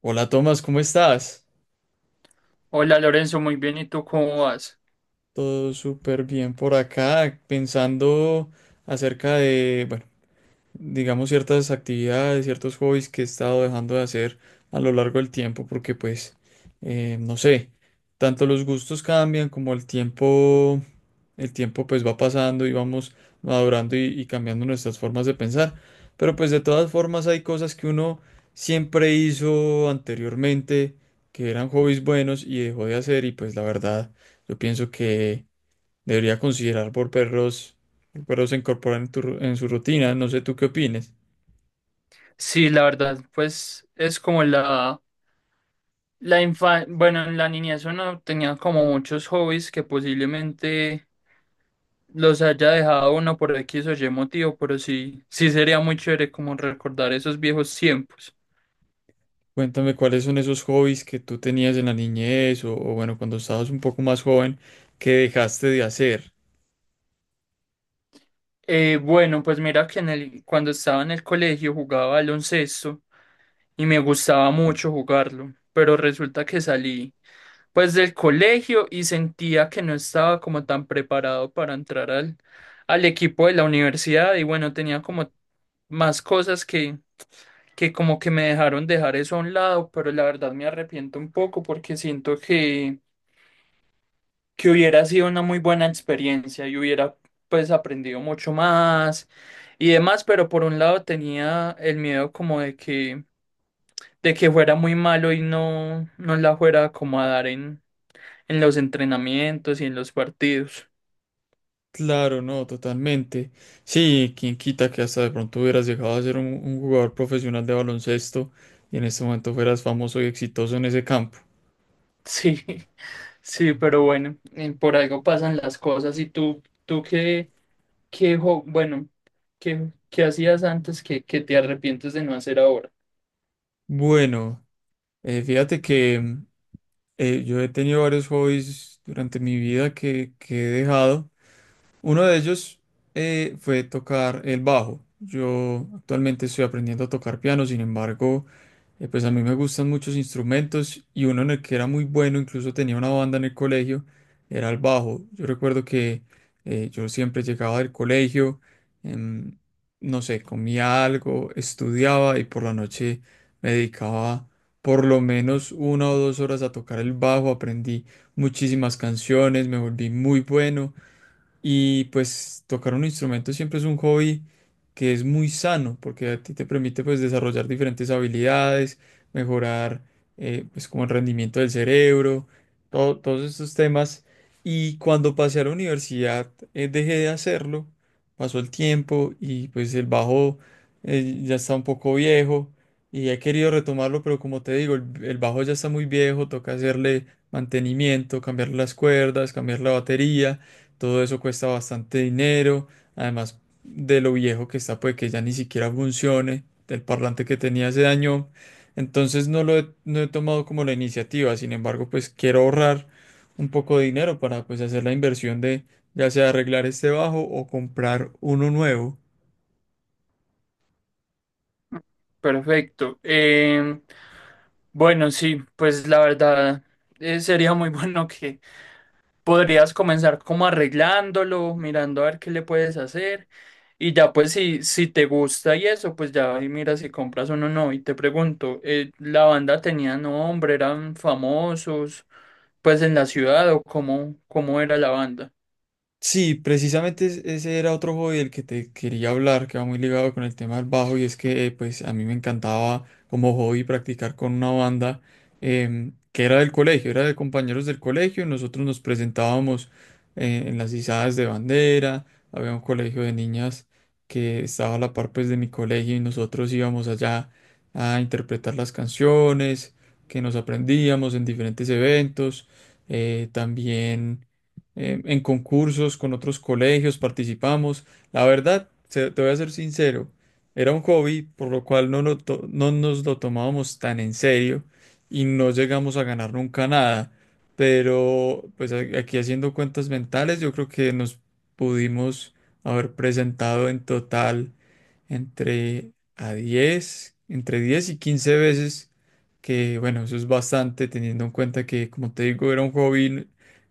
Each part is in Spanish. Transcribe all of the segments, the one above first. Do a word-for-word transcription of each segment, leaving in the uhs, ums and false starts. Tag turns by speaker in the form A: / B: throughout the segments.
A: Hola Tomás, ¿cómo estás?
B: Hola Lorenzo, muy bien, ¿y tú cómo vas?
A: Todo súper bien por acá, pensando acerca de, bueno, digamos ciertas actividades, ciertos hobbies que he estado dejando de hacer a lo largo del tiempo, porque pues, eh, no sé, tanto los gustos cambian como el tiempo. El tiempo pues va pasando y vamos madurando y, y cambiando nuestras formas de pensar. Pero pues de todas formas hay cosas que uno siempre hizo anteriormente, que eran hobbies buenos y dejó de hacer y pues la verdad yo pienso que debería considerar volverlos, volverlos a incorporar en tu ru- en su rutina. No sé tú qué opines.
B: Sí, la verdad, pues es como la, la infancia, bueno, en la niñez uno tenía como muchos hobbies que posiblemente los haya dejado uno por X o Y motivo, pero sí, sí sería muy chévere como recordar esos viejos tiempos.
A: Cuéntame cuáles son esos hobbies que tú tenías en la niñez o, o bueno, cuando estabas un poco más joven que dejaste de hacer.
B: Eh, bueno, pues mira que en el, cuando estaba en el colegio jugaba baloncesto y me gustaba mucho jugarlo, pero resulta que salí pues del colegio y sentía que no estaba como tan preparado para entrar al, al equipo de la universidad y bueno, tenía como más cosas que, que como que me dejaron dejar eso a un lado, pero la verdad me arrepiento un poco porque siento que que hubiera sido una muy buena experiencia y hubiera pues aprendido mucho más y demás, pero por un lado tenía el miedo como de que de que fuera muy malo y no no la fuera como a dar en en los entrenamientos y en los partidos.
A: Claro, no, totalmente. Sí, quién quita que hasta de pronto hubieras llegado a ser un, un jugador profesional de baloncesto y en este momento fueras famoso y exitoso en ese campo.
B: Sí. Sí, pero bueno, eh, por algo pasan las cosas y tú tú qué qué jo- bueno, qué qué hacías antes que que te arrepientes de no hacer ahora.
A: Bueno, eh, fíjate que mm, eh, yo he tenido varios hobbies durante mi vida que, que he dejado. Uno de ellos eh, fue tocar el bajo. Yo actualmente estoy aprendiendo a tocar piano, sin embargo, Eh, pues a mí me gustan muchos instrumentos y uno en el que era muy bueno, incluso tenía una banda en el colegio, era el bajo. Yo recuerdo que eh, yo siempre llegaba del colegio, em, no sé, comía algo, estudiaba y por la noche me dedicaba por lo menos una o dos horas a tocar el bajo. Aprendí muchísimas canciones, me volví muy bueno y pues tocar un instrumento siempre es un hobby que es muy sano porque a ti te permite pues desarrollar diferentes habilidades, mejorar eh, pues como el rendimiento del cerebro, todo- todos estos temas. Y cuando pasé a la universidad eh, dejé de hacerlo, pasó el tiempo y pues el bajo eh, ya está un poco viejo y he querido retomarlo, pero como te digo, el, el bajo ya está muy viejo, toca hacerle mantenimiento, cambiar las cuerdas, cambiar la batería. Todo eso cuesta bastante dinero. Además de lo viejo que está, puede que ya ni siquiera funcione. El parlante que tenía se dañó. Entonces no lo he, no he tomado como la iniciativa. Sin embargo, pues quiero ahorrar un poco de dinero para pues hacer la inversión de ya sea arreglar este bajo o comprar uno nuevo.
B: Perfecto. Em, bueno, sí, pues la verdad eh, sería muy bueno que podrías comenzar como arreglándolo, mirando a ver qué le puedes hacer y ya pues si, si te gusta y eso, pues ya ahí mira si compras uno o no. No. Y te pregunto, eh, ¿la banda tenía nombre, eran famosos pues en la ciudad o cómo, cómo era la banda?
A: Sí, precisamente es- ese era otro hobby del que te quería hablar, que va muy ligado con el tema del bajo, y es que eh, pues a mí me encantaba como hobby practicar con una banda em, que era del colegio, era de compañeros del colegio, y nosotros nos presentábamos eh, en las izadas de bandera, había un colegio de niñas que estaba a la par pues de mi colegio y nosotros íbamos allá a interpretar las canciones que nos aprendíamos en diferentes eventos, eh, también eh, en concursos con otros colegios, participamos. La verdad, se- te voy a ser sincero, era un hobby por lo cual no, lo to- no nos lo tomábamos tan en serio y no llegamos a ganar nunca nada. Pero pues a- aquí haciendo cuentas mentales, yo creo que nos pudimos haber presentado en total entre a diez entre diez y quince veces, que bueno, eso es bastante teniendo en cuenta que, como te digo, era un hobby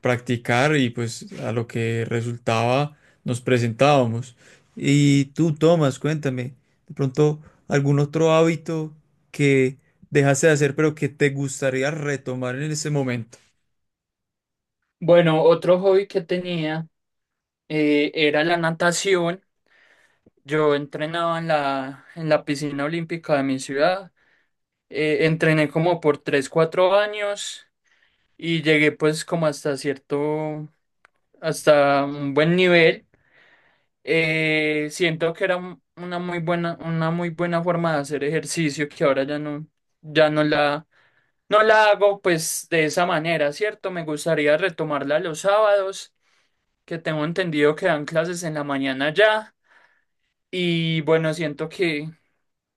A: practicar y pues a lo que resultaba nos presentábamos. Y tú, Tomás, cuéntame, de pronto algún otro hábito que dejaste de hacer pero que te gustaría retomar en ese momento.
B: Bueno, otro hobby que tenía eh, era la natación. Yo entrenaba en la, en la piscina olímpica de mi ciudad. eh, entrené como por tres cuatro años y llegué pues como hasta cierto, hasta un buen nivel. Eh, siento que era un- una muy buena, una muy buena forma de hacer ejercicio que ahora ya no, ya no la, no la hago pues de esa manera, ¿cierto? Me gustaría retomarla los sábados, que tengo entendido que dan clases en la mañana ya. Y bueno, siento que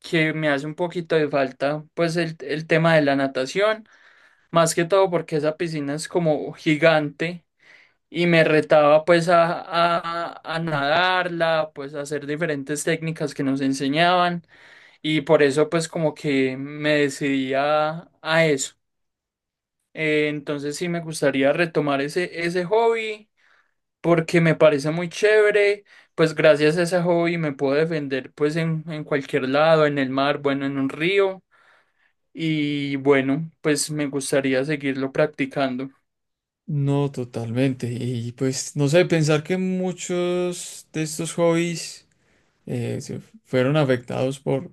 B: que me hace un poquito de falta, pues el, el tema de la natación, más que todo porque esa piscina es como gigante y me retaba pues a, a, a nadarla, pues a hacer diferentes técnicas que nos enseñaban y por eso pues como que me decidí a, a eso. Eh, entonces sí me gustaría retomar ese, ese hobby porque me parece muy chévere. Pues gracias a ese hobby me puedo defender pues en, en cualquier lado, en el mar, bueno, en un río. Y bueno, pues me gustaría seguirlo practicando.
A: No, totalmente. Y pues no sé, pensar que muchos de estos hobbies eh, se fueron afectados por,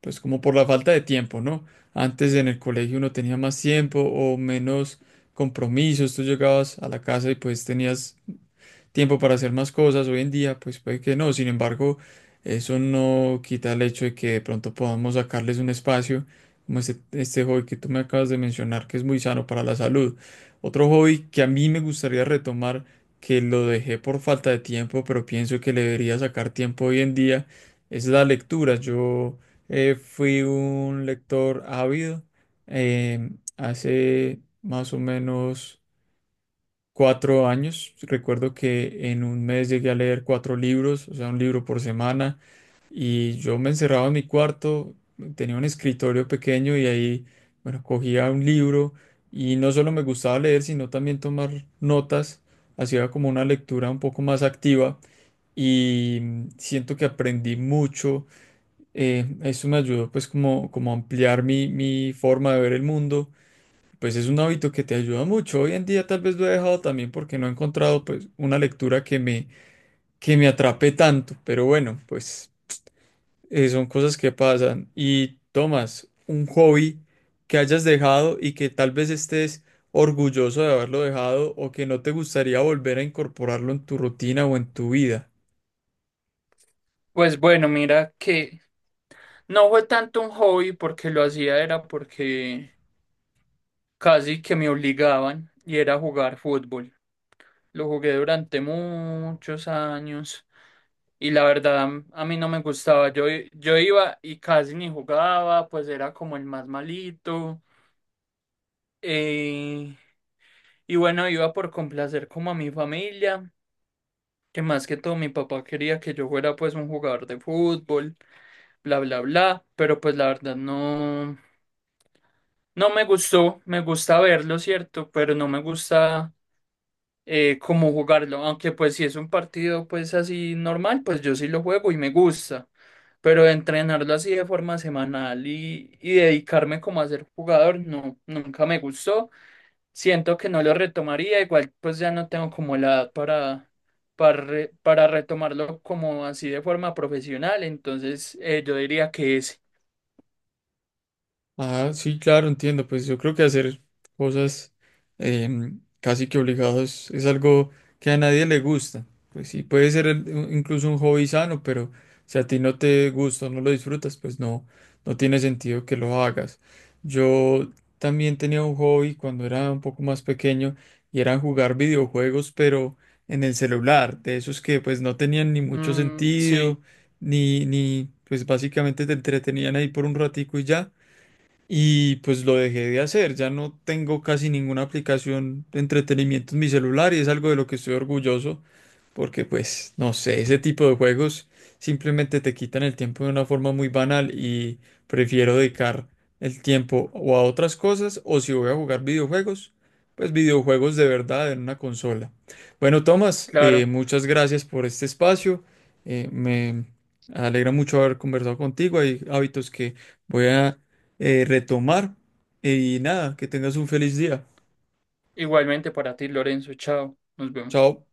A: pues como por la falta de tiempo, ¿no? Antes en el colegio uno tenía más tiempo o menos compromisos, tú llegabas a la casa y pues tenías tiempo para hacer más cosas. Hoy en día, pues puede que no. Sin embargo, eso no quita el hecho de que de pronto podamos sacarles un espacio, como este, este hobby que tú me acabas de mencionar, que es muy sano para la salud. Otro hobby que a mí me gustaría retomar, que lo dejé por falta de tiempo, pero pienso que le debería sacar tiempo hoy en día, es la lectura. Yo eh, fui un lector ávido eh, hace más o menos cuatro años. Recuerdo que en un mes llegué a leer cuatro libros, o sea, un libro por semana, y yo me encerraba en mi cuarto, tenía un escritorio pequeño y ahí, bueno, cogía un libro y no solo me gustaba leer, sino también tomar notas, hacía como una lectura un poco más activa. Y mm, siento que aprendí mucho. Eh, eso me ayudó pues como, como a ampliar mi, mi forma de ver el mundo, pues es un hábito que te ayuda mucho. Hoy en día tal vez lo he dejado también porque no he encontrado pues una lectura que me, que me atrape tanto. Pero bueno, pues eh, son cosas que pasan. Y Tomás, un hobby que hayas dejado y que tal vez estés orgulloso de haberlo dejado o que no te gustaría volver a incorporarlo en tu rutina o en tu vida.
B: Pues bueno, mira que no fue tanto un hobby porque lo hacía era porque casi que me obligaban y era jugar fútbol. Lo jugué durante muchos años y la verdad a mí no me gustaba. Yo, i- yo iba y casi ni jugaba, pues era como el más malito. eh, y bueno, iba por complacer como a mi familia, que más que todo mi papá quería que yo fuera pues un jugador de fútbol. Bla, bla, bla, pero pues la verdad no, no me gustó, me gusta verlo, ¿cierto? Pero no me gusta eh, cómo jugarlo, aunque pues si es un partido pues así normal, pues yo sí lo juego y me gusta, pero entrenarlo así de forma semanal y, y dedicarme como a ser jugador, no, nunca me gustó, siento que no lo retomaría, igual pues ya no tengo como la edad para... Para, re- para retomarlo como así de forma profesional, entonces eh, yo diría que es.
A: Ah, sí, claro, entiendo. Pues yo creo que hacer cosas em, casi que obligados es algo que a nadie le gusta. Pues sí, puede ser el- un- incluso un hobby sano, pero si a ti no te gusta, o no lo disfrutas, pues no, no tiene sentido que lo hagas. Yo también tenía un hobby cuando era un poco más pequeño y era jugar videojuegos, pero en el celular, de esos que pues no tenían ni mucho
B: Mm,
A: sentido,
B: sí,
A: ni, ni pues básicamente te entretenían ahí por un ratico y ya. Y pues lo dejé de hacer, ya no tengo casi ninguna aplicación de entretenimiento en mi celular y es algo de lo que estoy orgulloso porque pues no sé, ese tipo de juegos simplemente te quitan el tiempo de una forma muy banal y prefiero dedicar el tiempo o a otras cosas o si voy a jugar videojuegos, pues videojuegos de verdad en una consola. Bueno, Tomás, eh,
B: claro.
A: muchas gracias por este espacio, eh, me alegra mucho haber conversado contigo, hay hábitos que voy a eh, retomar. eh, Y nada, que tengas un feliz día.
B: Igualmente para ti, Lorenzo. Chao. Nos vemos.
A: Chao.